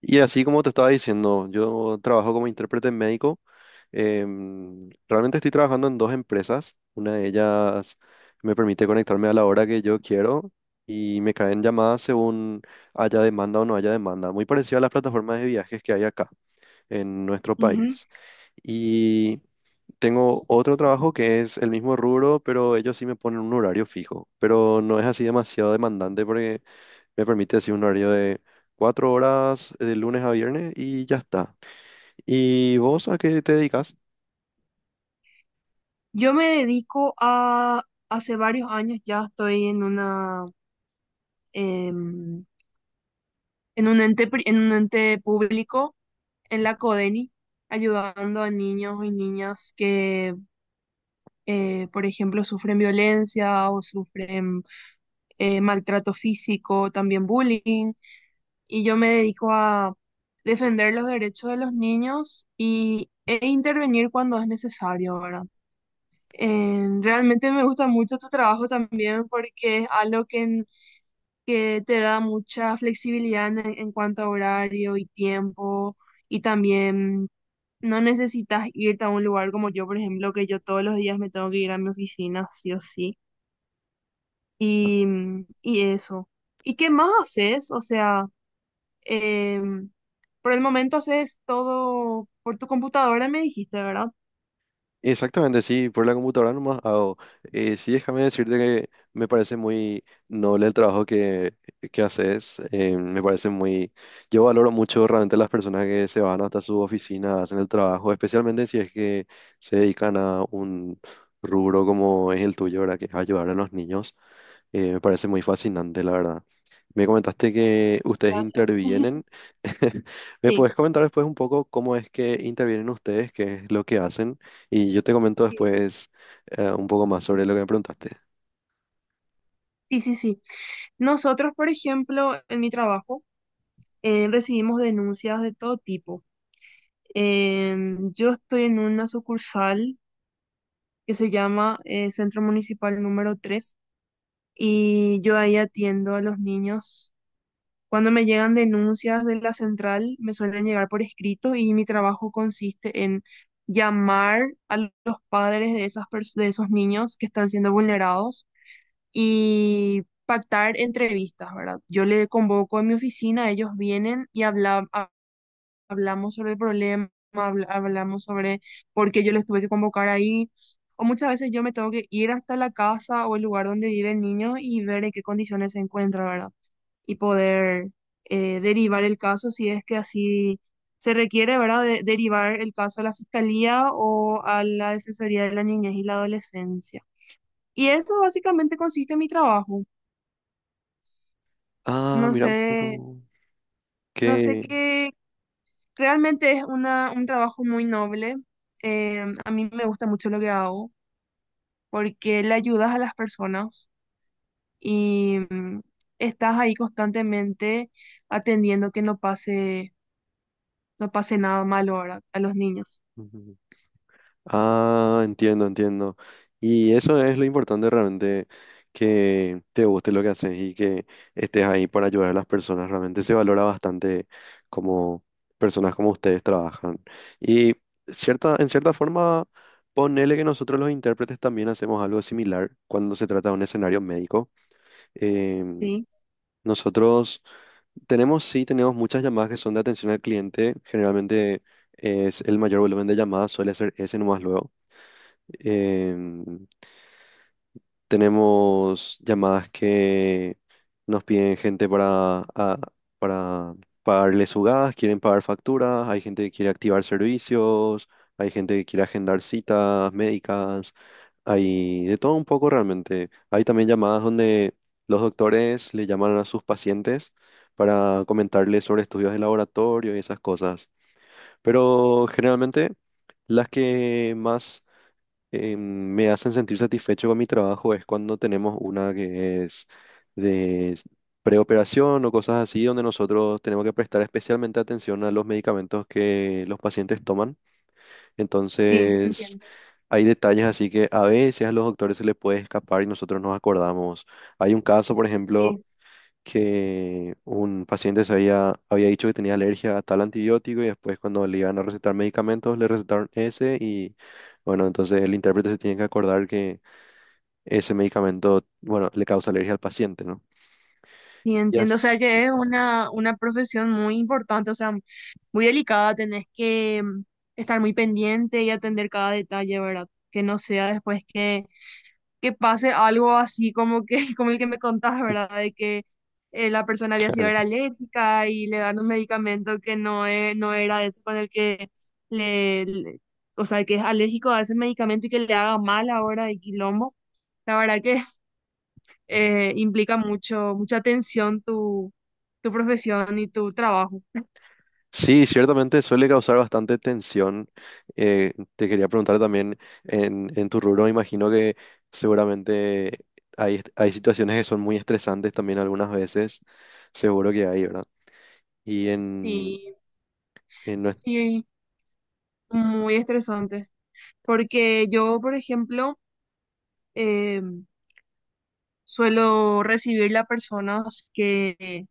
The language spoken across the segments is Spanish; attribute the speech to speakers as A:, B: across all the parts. A: Y así como te estaba diciendo, yo trabajo como intérprete médico. Realmente estoy trabajando en dos empresas. Una de ellas me permite conectarme a la hora que yo quiero y me caen llamadas según haya demanda o no haya demanda. Muy parecido a las plataformas de viajes que hay acá en nuestro
B: Ujú.
A: país. Y tengo otro trabajo que es el mismo rubro, pero ellos sí me ponen un horario fijo. Pero no es así demasiado demandante porque me permite decir un horario de cuatro horas, de lunes a viernes y ya está. ¿Y vos a qué te dedicas?
B: Yo me dedico a, hace varios años ya estoy en una, em, en un ente, en un ente público, en la CODENI, ayudando a niños y niñas que, por ejemplo, sufren violencia o sufren maltrato físico, también bullying. Y yo me dedico a defender los derechos de los niños y, e intervenir cuando es necesario, ¿verdad? Realmente me gusta mucho tu trabajo también porque es algo que, que te da mucha flexibilidad en cuanto a horario y tiempo y también no necesitas irte a un lugar como yo, por ejemplo, que yo todos los días me tengo que ir a mi oficina, sí o sí. Y, y eso. ¿Y qué más haces? O sea, em, por el momento haces todo por tu computadora, me dijiste, ¿verdad?
A: Exactamente, sí, por la computadora nomás hago. Sí, déjame decirte que me parece muy noble el trabajo que haces. Me parece muy. Yo valoro mucho realmente las personas que se van hasta su oficina, hacen el trabajo, especialmente si es que se dedican a un rubro como es el tuyo, ¿verdad? Que es ayudar a los niños. Me parece muy fascinante, la verdad. Me comentaste que ustedes
B: Gracias.
A: intervienen. ¿Me
B: Sí,
A: puedes comentar después un poco cómo es que intervienen ustedes, qué es lo que hacen? Y yo te comento después un poco más sobre lo que me preguntaste.
B: sí, sí, sí. Nosotros, por ejemplo, en mi trabajo, recibimos denuncias de todo tipo. Yo estoy en una sucursal que se llama Centro Municipal número 3 y yo ahí atiendo a los niños. Cuando me llegan denuncias de la central, me suelen llegar por escrito y mi trabajo consiste en llamar a los padres de esas de esos niños que están siendo vulnerados y pactar entrevistas, ¿verdad? Yo le convoco a mi oficina, ellos vienen y hablamos sobre el problema, hablamos sobre por qué yo les tuve que convocar ahí. O muchas veces yo me tengo que ir hasta la casa o el lugar donde vive el niño y ver en qué condiciones se encuentra, ¿verdad? Y poder derivar el caso si es que así se requiere, ¿verdad? Derivar el caso a la fiscalía o a la Defensoría de la Niñez y la Adolescencia. Y eso básicamente consiste en mi trabajo.
A: Ah,
B: No
A: mira un
B: sé,
A: poco.
B: no sé
A: ¿Qué?
B: qué, realmente es una, un trabajo muy noble. A mí me gusta mucho lo que hago porque le ayudas a las personas y estás ahí constantemente atendiendo que no pase, no pase nada malo ahora a los niños.
A: Ah, entiendo, entiendo. Y eso es lo importante realmente, que te guste lo que haces y que estés ahí para ayudar a las personas. Realmente se valora bastante como personas como ustedes trabajan. Y en cierta forma, ponele que nosotros los intérpretes también hacemos algo similar cuando se trata de un escenario médico. Em,
B: Sí,
A: Nosotros tenemos, sí, tenemos muchas llamadas que son de atención al cliente. Generalmente es el mayor volumen de llamadas suele ser ese nomás luego. Em, Tenemos llamadas que nos piden gente para pagarle su gas, quieren pagar facturas, hay gente que quiere activar servicios, hay gente que quiere agendar citas médicas, hay de todo un poco realmente. Hay también llamadas donde los doctores le llaman a sus pacientes para comentarles sobre estudios de laboratorio y esas cosas. Pero generalmente, las que más me hacen sentir satisfecho con mi trabajo es cuando tenemos una que es de preoperación o cosas así, donde nosotros tenemos que prestar especialmente atención a los medicamentos que los pacientes toman.
B: sí,
A: Entonces,
B: entiendo.
A: hay detalles así que a veces a los doctores se les puede escapar y nosotros nos acordamos. Hay un caso, por ejemplo,
B: Sí,
A: que un paciente había dicho que tenía alergia a tal antibiótico y después cuando le iban a recetar medicamentos le recetaron ese y bueno, entonces el intérprete se tiene que acordar que ese medicamento, bueno, le causa alergia al paciente, ¿no?
B: sí,
A: Ya,
B: entiendo. O sea
A: s-
B: que es una profesión muy importante, o sea, muy delicada. Tenés que estar muy pendiente y atender cada detalle, ¿verdad? Que no sea después que pase algo así como que, como el que me contás, ¿verdad? De que la persona había sido
A: claro.
B: era alérgica y le dan un medicamento que no, no era ese con el que le, le- o sea, que es alérgico a ese medicamento y que le haga mal ahora de quilombo. La verdad que implica mucho, mucha atención tu, tu profesión y tu trabajo.
A: Sí, ciertamente suele causar bastante tensión. Te quería preguntar también, en tu rubro, imagino que seguramente hay situaciones que son muy estresantes también algunas veces, seguro que hay, ¿verdad? Y en,
B: Sí,
A: No es-
B: sí, muy estresante. Porque yo, por ejemplo, em, suelo recibirle a personas que,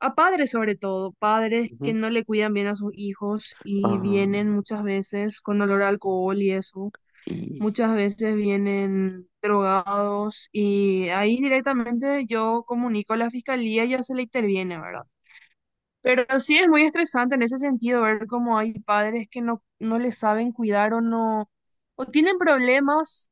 B: a padres sobre todo, padres
A: Ujú.
B: que no le cuidan bien a sus hijos y
A: Ah,
B: vienen muchas veces con olor a alcohol y eso.
A: y...
B: Muchas veces vienen drogados y ahí directamente yo comunico a la fiscalía y ya se le interviene, ¿verdad? Pero sí es muy estresante en ese sentido ver cómo hay padres que no, no les saben cuidar o no, o tienen problemas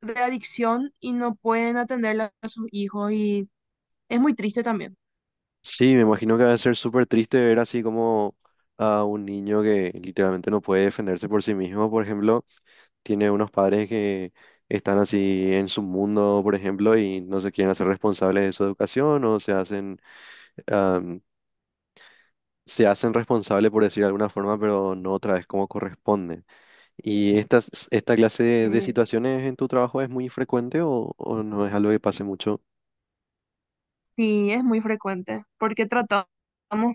B: de adicción y no pueden atenderle a sus hijos y es muy triste también.
A: Sí, me imagino que va a ser súper triste ver así como a un niño que literalmente no puede defenderse por sí mismo, por ejemplo, tiene unos padres que están así en su mundo, por ejemplo, y no se quieren hacer responsables de su educación o se hacen, am, se hacen responsables por decir de alguna forma, pero no otra vez como corresponde. ¿Y esta clase de
B: eh,
A: situaciones en tu trabajo es muy frecuente o no es algo que pase mucho?
B: sí, es muy frecuente, porque tratamos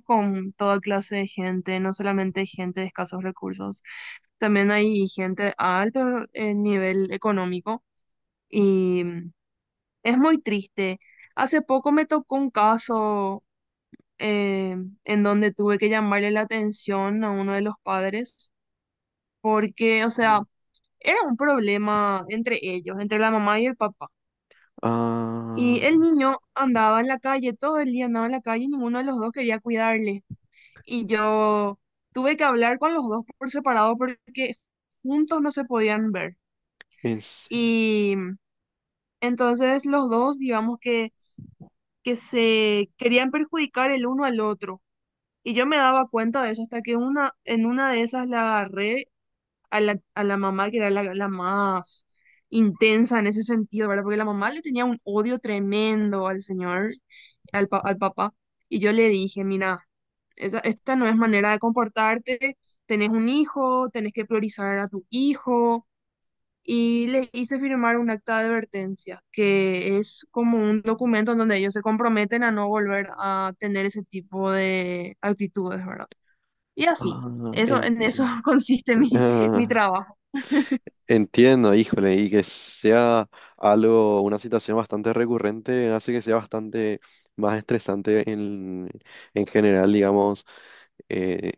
B: con toda clase de gente, no solamente gente de escasos recursos, también hay gente a alto nivel económico y es muy triste. Hace poco me tocó un caso eh, en donde tuve que llamarle la atención a uno de los padres, porque, o sea,
A: Mm.
B: era un problema entre ellos, entre la mamá y el papá.
A: Ah,
B: Y el niño andaba en la calle, todo el día andaba en la calle y ninguno de los dos quería cuidarle. Y yo tuve que hablar con los dos por separado porque juntos no se podían ver.
A: en serio.
B: Y entonces los dos, digamos que se querían perjudicar el uno al otro. Y yo me daba cuenta de eso hasta que una, en una de esas la agarré a la mamá, que era la, la más intensa en ese sentido, ¿verdad? Porque la mamá le tenía un odio tremendo al señor, al, al papá. Y yo le dije, mira, esa, esta no es manera de comportarte, tenés un hijo, tenés que priorizar a tu hijo. Y le hice firmar un acta de advertencia, que es como un documento en donde ellos se comprometen a no volver a tener ese tipo de actitudes, ¿verdad? Y así,
A: Ah,
B: eso, en eso
A: entiendo.
B: consiste mi, mi
A: Ah,
B: trabajo.
A: entiendo, híjole, y que sea algo, una situación bastante recurrente, hace que sea bastante más estresante en general, digamos, eh,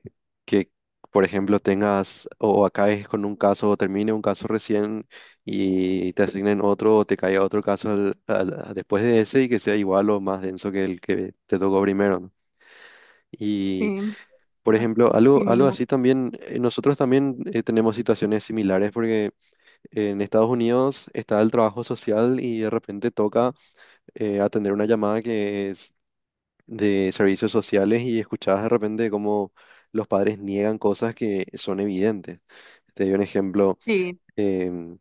A: que, por ejemplo, tengas o acabes con un caso, o termine un caso recién y te asignen otro, o te caiga otro caso después de ese y que sea igual o más denso que el que te tocó primero, ¿no? Y
B: Sí,
A: por
B: a-
A: ejemplo,
B: así
A: algo, algo
B: mismo.
A: así también, nosotros también tenemos situaciones similares porque en Estados Unidos está el trabajo social y de repente toca atender una llamada que es de servicios sociales y escuchás de repente cómo los padres niegan cosas que son evidentes. Te doy un ejemplo.
B: Sí,
A: em,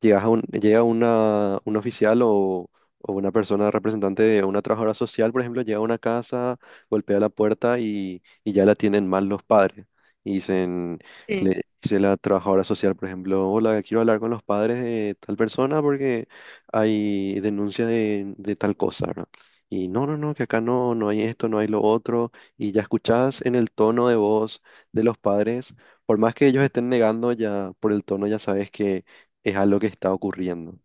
A: Llega un oficial o una persona representante de una trabajadora social, por ejemplo, llega a una casa, golpea la puerta y ya la atienden mal los padres. Y dicen,
B: sí,
A: le dice la trabajadora social, por ejemplo, hola, quiero hablar con los padres de tal persona porque hay denuncia de tal cosa, ¿verdad? Y no, no, no, que acá no, no hay esto, no hay lo otro. Y ya escuchás en el tono de voz de los padres, por más que ellos estén negando, ya por el tono ya sabes que es algo que está ocurriendo.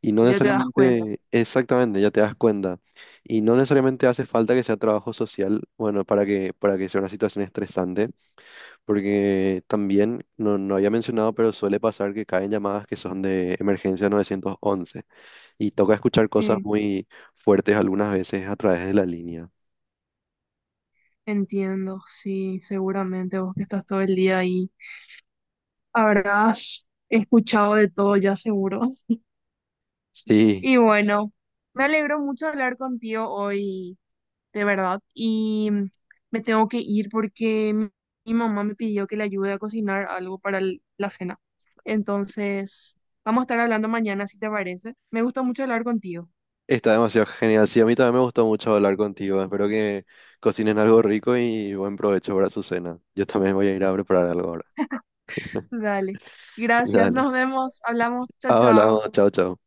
A: Y no
B: ya te das cuenta.
A: necesariamente, exactamente, ya te das cuenta. Y no necesariamente hace falta que sea trabajo social, bueno, para que sea una situación estresante, porque también, no había mencionado, pero suele pasar que caen llamadas que son de emergencia 911 y toca escuchar cosas
B: Sí,
A: muy fuertes algunas veces a través de la línea.
B: entiendo, sí, seguramente vos que estás todo el día ahí habrás escuchado de todo ya seguro.
A: Sí,
B: Y bueno, me alegro mucho de hablar contigo hoy, de verdad. Y me tengo que ir porque mi mamá me pidió que le ayude a cocinar algo para la cena. Entonces, vamos a estar hablando mañana si te parece. Me gustó mucho hablar contigo.
A: está demasiado genial. Sí, a mí también me gustó mucho hablar contigo. Espero que cocinen algo rico y buen provecho para su cena. Yo también voy a ir a preparar algo ahora.
B: Dale. Gracias.
A: Dale.
B: Nos vemos. Hablamos. Chao, chao.
A: Hablamos, chao, chao.